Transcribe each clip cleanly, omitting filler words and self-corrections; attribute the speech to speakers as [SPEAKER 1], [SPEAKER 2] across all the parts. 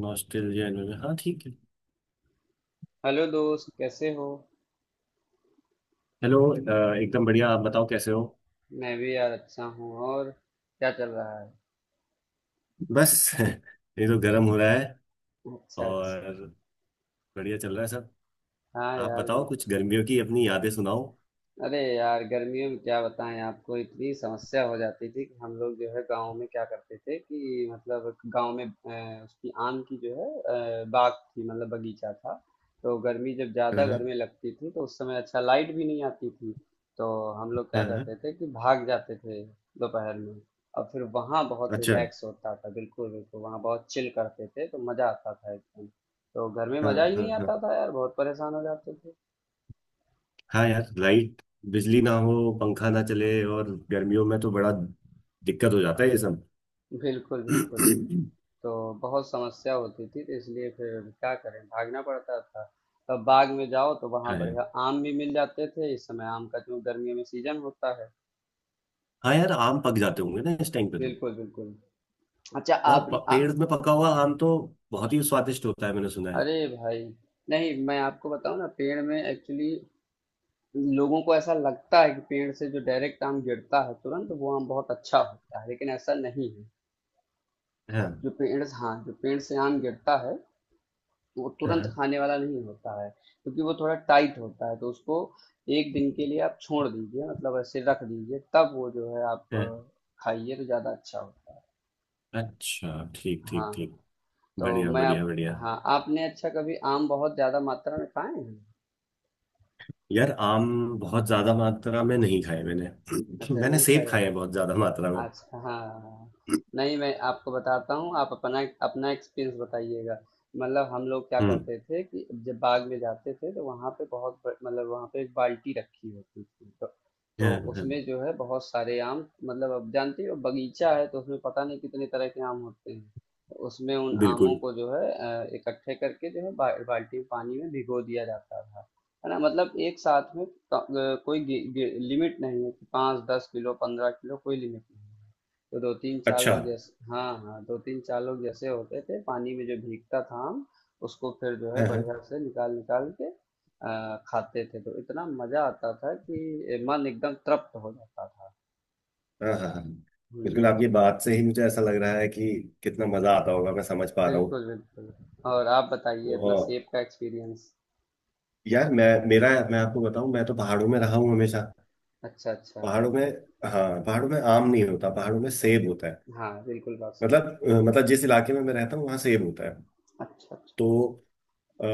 [SPEAKER 1] Nostalgia इन्होंने हाँ, ठीक है।
[SPEAKER 2] हेलो दोस्त, कैसे हो?
[SPEAKER 1] हेलो। एकदम बढ़िया। आप बताओ कैसे हो।
[SPEAKER 2] मैं भी यार अच्छा हूँ। और क्या चल रहा है?
[SPEAKER 1] बस ये तो गर्म हो रहा है।
[SPEAKER 2] अच्छा, अच्छा।
[SPEAKER 1] और बढ़िया चल रहा है सब।
[SPEAKER 2] हाँ
[SPEAKER 1] आप
[SPEAKER 2] यार,
[SPEAKER 1] बताओ
[SPEAKER 2] बिल्कुल।
[SPEAKER 1] कुछ गर्मियों की अपनी यादें सुनाओ।
[SPEAKER 2] अरे यार, गर्मियों में क्या बताएं, आपको इतनी समस्या हो जाती थी कि हम लोग जो है गांव में क्या करते थे कि मतलब गांव में उसकी आम की जो है बाग थी मतलब बगीचा था। तो गर्मी जब ज़्यादा घर
[SPEAKER 1] हाँ,
[SPEAKER 2] में लगती थी तो उस समय अच्छा लाइट भी नहीं आती थी। तो हम लोग क्या
[SPEAKER 1] हाँ, हाँ।
[SPEAKER 2] करते थे कि भाग जाते थे दोपहर में। और फिर वहाँ बहुत
[SPEAKER 1] अच्छा।
[SPEAKER 2] रिलैक्स होता था, बिल्कुल बिल्कुल वहाँ बहुत चिल करते थे तो मज़ा आता था एकदम। तो घर में
[SPEAKER 1] हाँ
[SPEAKER 2] मज़ा ही नहीं
[SPEAKER 1] हाँ, हाँ।
[SPEAKER 2] आता था यार, बहुत परेशान हो जाते थे।
[SPEAKER 1] हाँ यार, लाइट, बिजली ना हो, पंखा ना चले और गर्मियों में तो बड़ा दिक्कत हो जाता है ये सब।
[SPEAKER 2] बिल्कुल, बिल्कुल। तो बहुत समस्या होती थी तो इसलिए फिर क्या करें, भागना पड़ता था। तब बाग में जाओ तो वहाँ
[SPEAKER 1] हाँ यार।
[SPEAKER 2] बढ़िया आम भी मिल जाते थे, इस समय आम का जो गर्मियों में सीजन होता है।
[SPEAKER 1] हाँ यार, आम पक जाते होंगे ना इस टाइम पे तो।
[SPEAKER 2] बिल्कुल, बिल्कुल। अच्छा
[SPEAKER 1] और
[SPEAKER 2] आप
[SPEAKER 1] पेड़ में पका हुआ आम तो बहुत ही स्वादिष्ट होता है, मैंने सुना है।
[SPEAKER 2] अरे भाई, नहीं मैं आपको बताऊँ ना पेड़ में एक्चुअली लोगों को ऐसा लगता है कि पेड़ से जो डायरेक्ट आम गिरता है तुरंत वो आम बहुत अच्छा होता है, लेकिन ऐसा नहीं है।
[SPEAKER 1] हाँ,
[SPEAKER 2] जो पेड़ हाँ, जो पेड़ से आम गिरता है वो तुरंत
[SPEAKER 1] हाँ,
[SPEAKER 2] खाने वाला नहीं होता है। क्योंकि वो थोड़ा टाइट होता है तो उसको एक दिन के लिए आप छोड़ दीजिए, मतलब ऐसे रख दीजिए तब वो जो है आप
[SPEAKER 1] हाँ।
[SPEAKER 2] खाइए तो ज़्यादा अच्छा होता है।
[SPEAKER 1] अच्छा, ठीक ठीक
[SPEAKER 2] हाँ।
[SPEAKER 1] ठीक।
[SPEAKER 2] तो
[SPEAKER 1] बढ़िया
[SPEAKER 2] मैं
[SPEAKER 1] बढ़िया
[SPEAKER 2] आप
[SPEAKER 1] बढ़िया।
[SPEAKER 2] हाँ, आपने अच्छा कभी आम बहुत ज़्यादा मात्रा में खाए हैं?
[SPEAKER 1] यार आम बहुत ज्यादा मात्रा में नहीं खाए मैंने।
[SPEAKER 2] अच्छा
[SPEAKER 1] मैंने
[SPEAKER 2] नहीं
[SPEAKER 1] सेब
[SPEAKER 2] खाए।
[SPEAKER 1] खाए हैं बहुत ज्यादा मात्रा में।
[SPEAKER 2] अच्छा, हाँ। नहीं, मैं आपको बताता हूँ आप अपना अपना एक्सपीरियंस बताइएगा। मतलब हम लोग क्या
[SPEAKER 1] हम्म।
[SPEAKER 2] करते थे कि जब बाग में जाते थे तो वहाँ पे बहुत मतलब वहाँ पे एक बाल्टी रखी होती थी,
[SPEAKER 1] हाँ,
[SPEAKER 2] तो
[SPEAKER 1] हाँ।
[SPEAKER 2] उसमें जो है बहुत सारे आम, मतलब अब जानते हो बगीचा है तो उसमें पता नहीं कितने तरह के आम होते हैं। तो उसमें उन आमों
[SPEAKER 1] बिल्कुल।
[SPEAKER 2] को जो है इकट्ठे करके जो है बाल्टी में पानी में भिगो दिया जाता था। है ना, मतलब एक साथ में। क- कोई लिमिट नहीं है कि 5-10 किलो 15 किलो, कोई लिमिट नहीं है। तो दो तीन चार
[SPEAKER 1] अच्छा।
[SPEAKER 2] लोग जैसे, हाँ हाँ, दो तीन चार लोग जैसे होते थे पानी में जो भीगता था, हम उसको फिर जो है
[SPEAKER 1] हाँ, हाँ,
[SPEAKER 2] बढ़िया से निकाल निकाल के खाते थे तो इतना मजा आता था कि मन एकदम तृप्त हो जाता था।
[SPEAKER 1] हाँ, हाँ, हाँ। बिल्कुल
[SPEAKER 2] हम्म,
[SPEAKER 1] आपकी बात से ही मुझे ऐसा लग रहा है कि कितना मजा आता होगा, मैं समझ पा रहा हूँ।
[SPEAKER 2] बिल्कुल, बिल्कुल। और आप बताइए अपना
[SPEAKER 1] और
[SPEAKER 2] सेब का एक्सपीरियंस।
[SPEAKER 1] यार, मैं आपको बताऊं, मैं तो पहाड़ों में रहा हूँ हमेशा।
[SPEAKER 2] अच्छा, अच्छा।
[SPEAKER 1] पहाड़ों में। हाँ, पहाड़ों में आम नहीं होता, पहाड़ों में सेब होता है।
[SPEAKER 2] हाँ, बिल्कुल बात सही।
[SPEAKER 1] मतलब मतलब जिस इलाके में मैं रहता हूँ वहाँ सेब होता है।
[SPEAKER 2] अच्छा, अच्छा।
[SPEAKER 1] तो अ,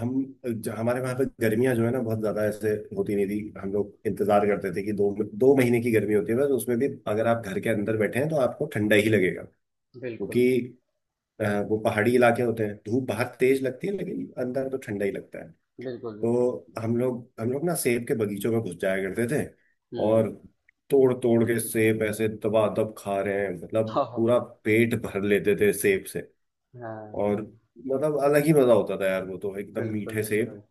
[SPEAKER 1] हम हमारे वहाँ पे गर्मियाँ जो है ना, बहुत ज़्यादा ऐसे होती नहीं थी। हम लोग इंतजार करते थे कि दो दो महीने की गर्मी होती है, बस उसमें भी अगर आप घर के अंदर बैठे हैं तो आपको ठंडा ही लगेगा। क्योंकि
[SPEAKER 2] बिल्कुल,
[SPEAKER 1] वो पहाड़ी इलाके होते हैं, धूप बाहर तेज लगती है लेकिन अंदर तो ठंडा ही लगता है।
[SPEAKER 2] बिल्कुल, बिल्कुल।
[SPEAKER 1] तो हम लोग ना सेब के बगीचों में घुस जाया करते थे। और
[SPEAKER 2] हुँ।
[SPEAKER 1] तोड़ तोड़ के सेब ऐसे दबादब खा रहे हैं, मतलब
[SPEAKER 2] हाँ, हाँ।
[SPEAKER 1] पूरा पेट भर लेते थे सेब से। और
[SPEAKER 2] हाँ,
[SPEAKER 1] मतलब अलग ही मजा होता था यार, वो तो एकदम
[SPEAKER 2] बिल्कुल,
[SPEAKER 1] मीठे सेब।
[SPEAKER 2] बिल्कुल।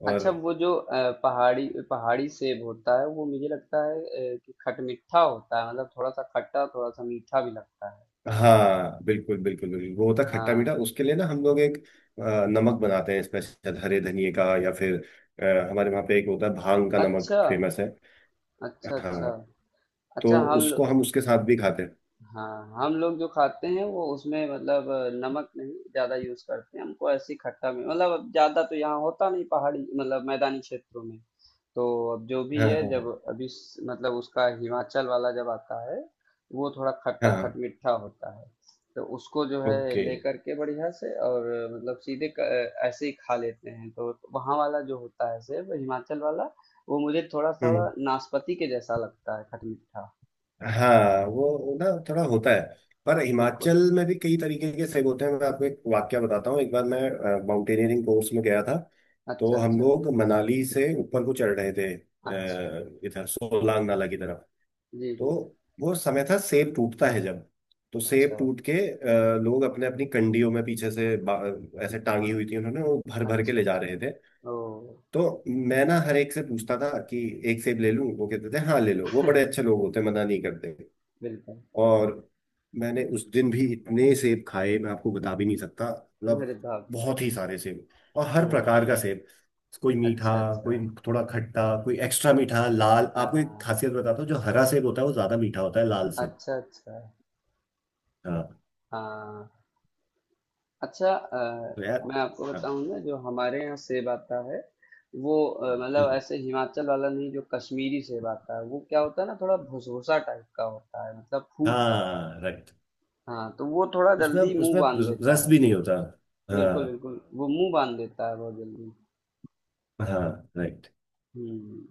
[SPEAKER 1] और
[SPEAKER 2] अच्छा, वो जो पहाड़ी पहाड़ी सेब होता है, वो मुझे लगता है कि खटमिठा होता है, मतलब थोड़ा-सा खट्टा, थोड़ा-सा मीठा भी लगता है।
[SPEAKER 1] हाँ बिल्कुल बिल्कुल बिल्कुल, वो होता खट्टा
[SPEAKER 2] हाँ।
[SPEAKER 1] मीठा। उसके लिए ना हम लोग एक नमक बनाते हैं स्पेशल, हरे धनिए का। या फिर हमारे वहाँ पे एक होता है भांग का नमक,
[SPEAKER 2] अच्छा।
[SPEAKER 1] फेमस है।
[SPEAKER 2] अच्छा, अच्छा।
[SPEAKER 1] हाँ, तो
[SPEAKER 2] अच्छा हम
[SPEAKER 1] उसको हम उसके साथ भी खाते हैं।
[SPEAKER 2] हाँ, हम लोग जो खाते हैं वो उसमें मतलब नमक नहीं ज्यादा यूज करते हैं, हमको ऐसी खट्टा में मतलब अब ज्यादा तो यहाँ होता नहीं पहाड़ी, मतलब मैदानी क्षेत्रों में। तो अब जो भी
[SPEAKER 1] हाँ,
[SPEAKER 2] है जब
[SPEAKER 1] हाँ,
[SPEAKER 2] अभी मतलब उसका हिमाचल वाला जब आता है वो थोड़ा खट्टा
[SPEAKER 1] हाँ, हाँ, हाँ।
[SPEAKER 2] खटमिठा होता है। तो उसको जो है
[SPEAKER 1] ओके।
[SPEAKER 2] लेकर के बढ़िया से और मतलब सीधे ऐसे ही खा लेते हैं तो वहाँ वाला जो होता है सेब, हिमाचल वाला, वो मुझे थोड़ा थोड़ा
[SPEAKER 1] हम्म।
[SPEAKER 2] नाशपाती के जैसा लगता है, खटमिठा।
[SPEAKER 1] हाँ वो ना थोड़ा होता है, पर
[SPEAKER 2] बिल्कुल।
[SPEAKER 1] हिमाचल में भी कई तरीके के सेब होते हैं। मैं आपको एक वाक्य बताता हूँ। एक बार मैं माउंटेनियरिंग कोर्स में गया था। तो
[SPEAKER 2] अच्छा,
[SPEAKER 1] हम
[SPEAKER 2] अच्छा।
[SPEAKER 1] लोग मनाली से ऊपर को चढ़ रहे थे,
[SPEAKER 2] अच्छा,
[SPEAKER 1] इधर सोलांग नाला की तरफ।
[SPEAKER 2] जी,
[SPEAKER 1] तो
[SPEAKER 2] जी।
[SPEAKER 1] वो समय था सेब टूटता है जब। तो सेब
[SPEAKER 2] अच्छा,
[SPEAKER 1] टूट के लोग अपने अपनी कंडियों में पीछे से ऐसे टांगी हुई थी उन्होंने, वो भर भर के
[SPEAKER 2] अच्छा,
[SPEAKER 1] ले जा रहे
[SPEAKER 2] अच्छा।
[SPEAKER 1] थे।
[SPEAKER 2] ओह!
[SPEAKER 1] तो मैं ना हर एक से पूछता था कि एक सेब ले लूं। वो कहते थे हाँ ले लो। वो बड़े अच्छे लोग होते, मना नहीं करते।
[SPEAKER 2] बिल्कुल।
[SPEAKER 1] और मैंने उस दिन भी इतने सेब खाए मैं आपको बता भी नहीं सकता। मतलब
[SPEAKER 2] अरे बाप रे!
[SPEAKER 1] बहुत ही सारे सेब, और हर
[SPEAKER 2] हाँ।
[SPEAKER 1] प्रकार का सेब। कोई मीठा,
[SPEAKER 2] अच्छा, अच्छा।
[SPEAKER 1] कोई थोड़ा खट्टा, कोई एक्स्ट्रा मीठा लाल।
[SPEAKER 2] हाँ।
[SPEAKER 1] आपको एक खासियत बताता हूँ, जो हरा सेब होता है वो ज्यादा मीठा होता है लाल से।
[SPEAKER 2] अच्छा, अच्छा।
[SPEAKER 1] हाँ,
[SPEAKER 2] हाँ। अच्छा,
[SPEAKER 1] तो यार,
[SPEAKER 2] मैं आपको
[SPEAKER 1] हाँ।
[SPEAKER 2] बताऊँ ना जो हमारे यहाँ सेब आता है वो मतलब
[SPEAKER 1] हम्म,
[SPEAKER 2] ऐसे हिमाचल वाला नहीं, जो कश्मीरी सेब आता है वो क्या होता है ना थोड़ा भुसभुसा टाइप का होता है, मतलब फूट जाता है।
[SPEAKER 1] हाँ राइट।
[SPEAKER 2] हाँ, तो वो थोड़ा
[SPEAKER 1] उसमें
[SPEAKER 2] जल्दी मुँह
[SPEAKER 1] उसमें
[SPEAKER 2] बाँध देता
[SPEAKER 1] रस
[SPEAKER 2] है।
[SPEAKER 1] भी नहीं होता। हाँ,
[SPEAKER 2] बिल्कुल, बिल्कुल। वो मुँह बाँध देता है बहुत जल्दी।
[SPEAKER 1] हाँ। राइट।
[SPEAKER 2] हुँ।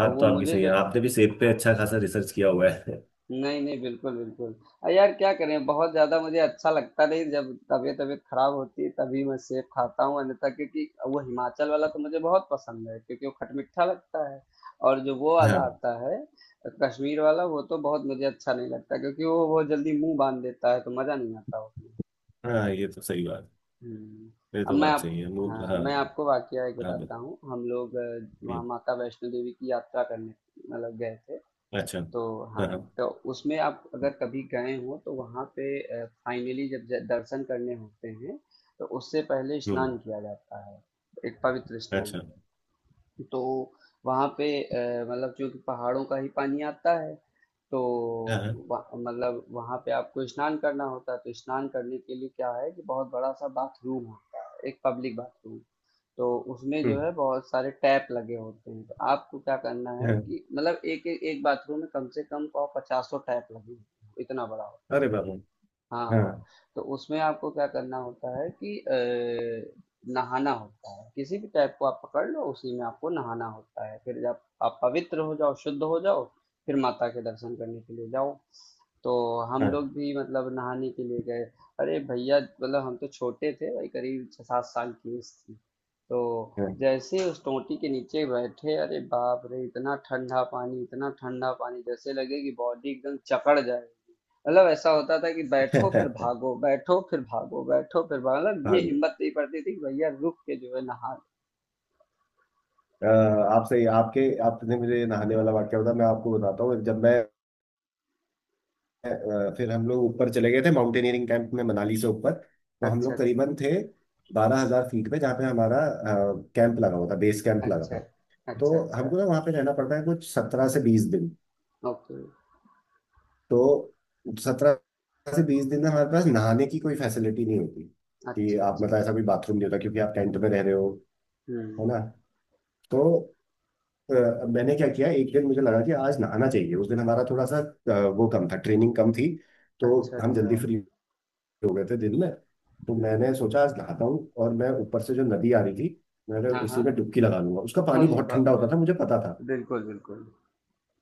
[SPEAKER 2] तो वो
[SPEAKER 1] तो आपकी
[SPEAKER 2] मुझे
[SPEAKER 1] सही है,
[SPEAKER 2] जो
[SPEAKER 1] आपने भी सेब पे
[SPEAKER 2] हाँ।
[SPEAKER 1] अच्छा खासा रिसर्च किया हुआ है।
[SPEAKER 2] नहीं, नहीं, बिल्कुल, बिल्कुल, यार क्या करें, बहुत ज्यादा मुझे अच्छा लगता नहीं, जब तबीयत तबीयत खराब होती है तभी मैं सेब खाता हूँ, अन्यथा क्योंकि वो हिमाचल वाला तो मुझे बहुत पसंद है क्योंकि वो खटमिठा लगता है। और जो वो वाला
[SPEAKER 1] हाँ,
[SPEAKER 2] आता है कश्मीर वाला, वो तो बहुत मुझे अच्छा नहीं लगता क्योंकि वो बहुत जल्दी मुंह बांध देता है तो मजा नहीं आता उसमें।
[SPEAKER 1] हाँ। ये तो सही बात,
[SPEAKER 2] हम्म।
[SPEAKER 1] ये
[SPEAKER 2] अब
[SPEAKER 1] तो
[SPEAKER 2] मैं
[SPEAKER 1] बात
[SPEAKER 2] आप
[SPEAKER 1] सही है मूल।
[SPEAKER 2] हाँ,
[SPEAKER 1] हाँ,
[SPEAKER 2] मैं आपको वाकया एक
[SPEAKER 1] हाँ।
[SPEAKER 2] बताता हूँ। हम लोग वहाँ
[SPEAKER 1] हम्म।
[SPEAKER 2] माता वैष्णो देवी की यात्रा करने मतलब गए थे।
[SPEAKER 1] अच्छा।
[SPEAKER 2] तो हाँ,
[SPEAKER 1] हाँ, हाँ।
[SPEAKER 2] तो उसमें आप अगर कभी गए हो तो वहाँ पे फाइनली जब दर्शन करने होते हैं तो उससे पहले
[SPEAKER 1] हम्म।
[SPEAKER 2] स्नान किया जाता है, एक पवित्र स्नान।
[SPEAKER 1] अच्छा।
[SPEAKER 2] तो वहाँ पे मतलब चूंकि पहाड़ों का ही पानी आता है, तो
[SPEAKER 1] हाँ, हाँ।
[SPEAKER 2] मतलब वहाँ पे आपको स्नान करना होता है। तो स्नान करने के लिए क्या है कि बहुत बड़ा सा बाथरूम होता है, एक पब्लिक बाथरूम। तो उसमें
[SPEAKER 1] हम्म।
[SPEAKER 2] जो है बहुत सारे टैप लगे होते हैं, तो आपको क्या करना है
[SPEAKER 1] हाँ।
[SPEAKER 2] कि मतलब एक एक, एक बाथरूम में कम से कम पचासों टैप लगे होते हैं, इतना बड़ा होता है।
[SPEAKER 1] अरे बाबू।
[SPEAKER 2] हाँ,
[SPEAKER 1] हाँ,
[SPEAKER 2] हाँ। तो उसमें आपको क्या करना होता है कि नहाना होता है, किसी भी टाइप को आप पकड़ लो, उसी में आपको नहाना होता है, फिर जब आप पवित्र हो जाओ, शुद्ध हो जाओ, फिर माता के दर्शन करने के लिए जाओ। तो हम लोग
[SPEAKER 1] हाँ,
[SPEAKER 2] भी मतलब नहाने के लिए गए। अरे भैया, मतलब हम तो छोटे थे भाई, करीब 6-7 साल की उम्र थी। तो
[SPEAKER 1] हाँ।
[SPEAKER 2] जैसे ही उस टोंटी के नीचे बैठे, अरे बाप रे, इतना ठंडा पानी, इतना ठंडा पानी, जैसे लगे कि बॉडी एकदम जकड़ जाए। मतलब ऐसा होता था कि बैठो फिर भागो, बैठो फिर भागो, बैठो फिर भागो, मतलब ये
[SPEAKER 1] हाँ।
[SPEAKER 2] हिम्मत नहीं पड़ती थी कि भैया रुक के जो है नहा
[SPEAKER 1] अ, आपसे आपके आपने मुझे नहाने वाला वाक्य बताया, मैं आपको बताता हूँ। जब मैं फिर हम लोग ऊपर चले गए थे माउंटेनियरिंग कैंप में, मनाली से ऊपर। तो
[SPEAKER 2] लें।
[SPEAKER 1] हम
[SPEAKER 2] अच्छा,
[SPEAKER 1] लोग
[SPEAKER 2] अच्छा,
[SPEAKER 1] करीबन थे 12,000 फीट पे, जहाँ पे हमारा कैंप लगा हुआ था, बेस कैंप लगा
[SPEAKER 2] अच्छा,
[SPEAKER 1] था। तो
[SPEAKER 2] अच्छा। अच्छा,
[SPEAKER 1] हमको ना वहाँ पे रहना पड़ता है कुछ 17 से 20 दिन।
[SPEAKER 2] ओके।
[SPEAKER 1] तो 17 से 20 दिन में हमारे पास नहाने की कोई फैसिलिटी नहीं होती कि
[SPEAKER 2] अच्छा,
[SPEAKER 1] आप,
[SPEAKER 2] अच्छा।
[SPEAKER 1] मतलब ऐसा कोई बाथरूम नहीं होता क्योंकि आप टेंट में रह रहे हो, है
[SPEAKER 2] हम्म।
[SPEAKER 1] ना। तो अ, मैंने क्या किया, एक दिन मुझे लगा कि आज नहाना चाहिए। उस दिन हमारा थोड़ा सा वो कम था, ट्रेनिंग कम थी, तो
[SPEAKER 2] अच्छा,
[SPEAKER 1] हम
[SPEAKER 2] अच्छा।
[SPEAKER 1] जल्दी फ्री हो गए थे दिन में। तो मैंने
[SPEAKER 2] हम्म।
[SPEAKER 1] सोचा आज नहाता हूँ, और मैं ऊपर से जो नदी आ रही थी मैंने
[SPEAKER 2] हाँ, हाँ।
[SPEAKER 1] इसी में डुबकी लगा लूंगा। उसका पानी
[SPEAKER 2] अरे
[SPEAKER 1] बहुत ठंडा
[SPEAKER 2] बाप रे!
[SPEAKER 1] होता था मुझे पता था।
[SPEAKER 2] बिल्कुल, बिल्कुल।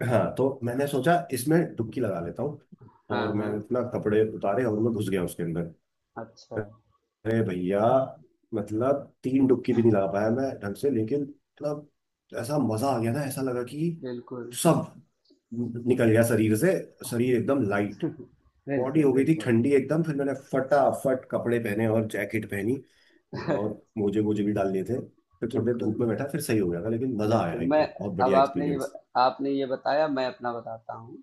[SPEAKER 1] हाँ, तो मैंने सोचा इसमें डुबकी लगा लेता हूँ।
[SPEAKER 2] हाँ,
[SPEAKER 1] और मैं
[SPEAKER 2] हाँ।
[SPEAKER 1] अपना कपड़े उतारे और मैं घुस गया उसके अंदर।
[SPEAKER 2] अच्छा।
[SPEAKER 1] अरे भैया, मतलब तीन डुबकी भी नहीं लगा पाया मैं ढंग से, लेकिन मतलब ऐसा मजा आ गया ना, ऐसा लगा कि
[SPEAKER 2] बिल्कुल,
[SPEAKER 1] सब निकल गया शरीर से, शरीर एकदम लाइट, बॉडी
[SPEAKER 2] बिल्कुल,
[SPEAKER 1] हो गई थी
[SPEAKER 2] बिल्कुल।
[SPEAKER 1] ठंडी एकदम। फिर मैंने फटाफट कपड़े पहने और जैकेट पहनी। और मोजे मोजे भी डाल लिए थे। फिर थोड़ी देर
[SPEAKER 2] बिल्कुल।
[SPEAKER 1] धूप में बैठा, फिर सही हो गया था, लेकिन मजा आया
[SPEAKER 2] बिल्कुल मैं
[SPEAKER 1] एकदम, बहुत
[SPEAKER 2] अब
[SPEAKER 1] बढ़िया
[SPEAKER 2] आपने ये
[SPEAKER 1] एक्सपीरियंस।
[SPEAKER 2] आपने ये बताया, मैं अपना बताता हूँ।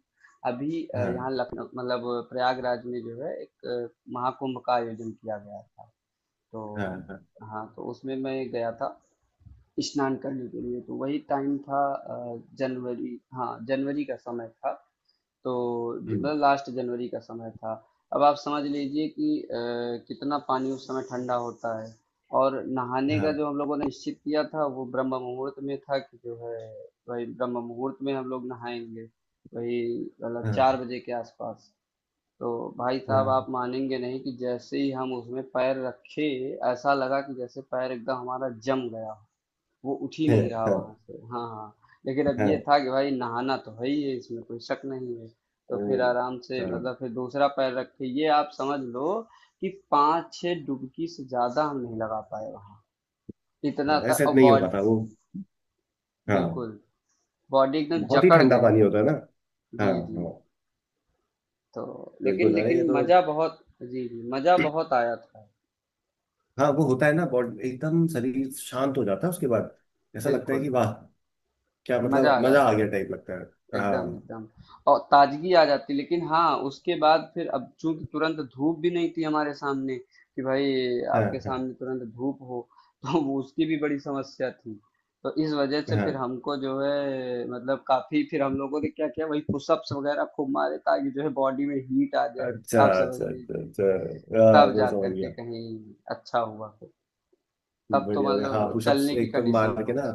[SPEAKER 2] अभी
[SPEAKER 1] हाँ,
[SPEAKER 2] यहाँ लखनऊ मतलब प्रयागराज में जो है एक महाकुंभ का आयोजन किया गया था। तो
[SPEAKER 1] हाँ, हाँ।
[SPEAKER 2] हाँ, तो उसमें मैं गया था स्नान करने के लिए, तो वही टाइम था जनवरी, हाँ जनवरी का समय था। तो
[SPEAKER 1] हम्म,
[SPEAKER 2] लास्ट जनवरी का समय था, अब आप समझ लीजिए कि कितना पानी उस समय ठंडा होता है। और नहाने का
[SPEAKER 1] हाँ,
[SPEAKER 2] जो हम लोगों ने निश्चित किया था वो ब्रह्म मुहूर्त में था, कि जो है वही ब्रह्म मुहूर्त में हम लोग नहाएंगे। वही मतलब चार
[SPEAKER 1] हाँ,
[SPEAKER 2] बजे के आसपास। तो भाई
[SPEAKER 1] हाँ,
[SPEAKER 2] साहब, आप
[SPEAKER 1] हाँ,
[SPEAKER 2] मानेंगे नहीं कि जैसे ही हम उसमें पैर रखे, ऐसा लगा कि जैसे पैर एकदम हमारा जम गया हो, वो उठ ही
[SPEAKER 1] हाँ,
[SPEAKER 2] नहीं रहा वहां
[SPEAKER 1] हाँ,
[SPEAKER 2] से। हाँ, हाँ। लेकिन अब
[SPEAKER 1] हाँ,
[SPEAKER 2] ये था कि भाई नहाना तो है ही है, इसमें कोई शक नहीं है। तो फिर आराम से
[SPEAKER 1] हाँ,
[SPEAKER 2] मतलब फिर दूसरा पैर रख के ये आप समझ लो कि 5-6 डुबकी से ज्यादा हम नहीं लगा पाए वहां।
[SPEAKER 1] हाँ,
[SPEAKER 2] इतना था,
[SPEAKER 1] ऐसे
[SPEAKER 2] और
[SPEAKER 1] नहीं हो
[SPEAKER 2] बॉडी,
[SPEAKER 1] पाता वो। हाँ,
[SPEAKER 2] बिल्कुल, बॉडी एकदम
[SPEAKER 1] बहुत ही
[SPEAKER 2] जकड़
[SPEAKER 1] ठंडा
[SPEAKER 2] गई।
[SPEAKER 1] पानी होता है ना। हाँ,
[SPEAKER 2] जी, जी।
[SPEAKER 1] हाँ।
[SPEAKER 2] तो लेकिन
[SPEAKER 1] बिल्कुल, अरे
[SPEAKER 2] लेकिन
[SPEAKER 1] ये तो।
[SPEAKER 2] मजा बहुत। जी, जी, मजा बहुत आया था।
[SPEAKER 1] हाँ, वो होता है ना, बॉडी एकदम, शरीर शांत हो जाता है उसके बाद। ऐसा लगता है कि
[SPEAKER 2] बिल्कुल,
[SPEAKER 1] वाह, क्या,
[SPEAKER 2] मजा
[SPEAKER 1] मतलब
[SPEAKER 2] आ
[SPEAKER 1] मजा आ
[SPEAKER 2] जाता है
[SPEAKER 1] गया टाइप लगता है।
[SPEAKER 2] एकदम
[SPEAKER 1] हाँ।
[SPEAKER 2] एकदम। और ताजगी आ जाती, लेकिन हाँ उसके बाद फिर अब चूंकि तुरंत धूप भी नहीं थी हमारे सामने कि भाई
[SPEAKER 1] हाँ,
[SPEAKER 2] आपके
[SPEAKER 1] हाँ,
[SPEAKER 2] सामने तुरंत धूप हो। तो वो उसकी भी बड़ी समस्या थी। तो इस वजह से
[SPEAKER 1] हाँ।
[SPEAKER 2] फिर हमको जो है मतलब काफी फिर हम लोगों ने क्या किया वही पुशअप्स वगैरह खूब मारे ताकि जो है बॉडी में हीट आ जाए।
[SPEAKER 1] अच्छा
[SPEAKER 2] आप समझ
[SPEAKER 1] अच्छा अच्छा
[SPEAKER 2] लीजिए,
[SPEAKER 1] अच्छा। हाँ,
[SPEAKER 2] तब
[SPEAKER 1] मैं
[SPEAKER 2] जा
[SPEAKER 1] समझ
[SPEAKER 2] करके
[SPEAKER 1] गया।
[SPEAKER 2] कहीं अच्छा हुआ फिर, तब तो
[SPEAKER 1] बढ़िया बढ़िया, हाँ,
[SPEAKER 2] मतलब
[SPEAKER 1] पुशअप्स
[SPEAKER 2] चलने की
[SPEAKER 1] एकदम
[SPEAKER 2] कंडीशन में
[SPEAKER 1] मार के ना।
[SPEAKER 2] पहुंच।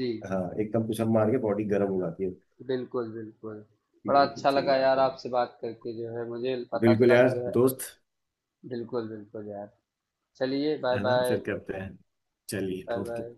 [SPEAKER 2] जी,
[SPEAKER 1] हाँ, एकदम पुशअप मार के बॉडी गर्म हो जाती है।
[SPEAKER 2] बिल्कुल, बिल्कुल। बड़ा
[SPEAKER 1] बिल्कुल
[SPEAKER 2] अच्छा
[SPEAKER 1] सही
[SPEAKER 2] लगा
[SPEAKER 1] बात
[SPEAKER 2] यार
[SPEAKER 1] है।
[SPEAKER 2] आपसे बात करके, जो है मुझे पता
[SPEAKER 1] बिल्कुल
[SPEAKER 2] चला
[SPEAKER 1] यार
[SPEAKER 2] कि जो है,
[SPEAKER 1] दोस्त।
[SPEAKER 2] बिल्कुल, बिल्कुल यार। चलिए,
[SPEAKER 1] है ना,
[SPEAKER 2] बाय-बाय।
[SPEAKER 1] फिर करते हैं। चलिए,
[SPEAKER 2] बाय-बाय।
[SPEAKER 1] ओके।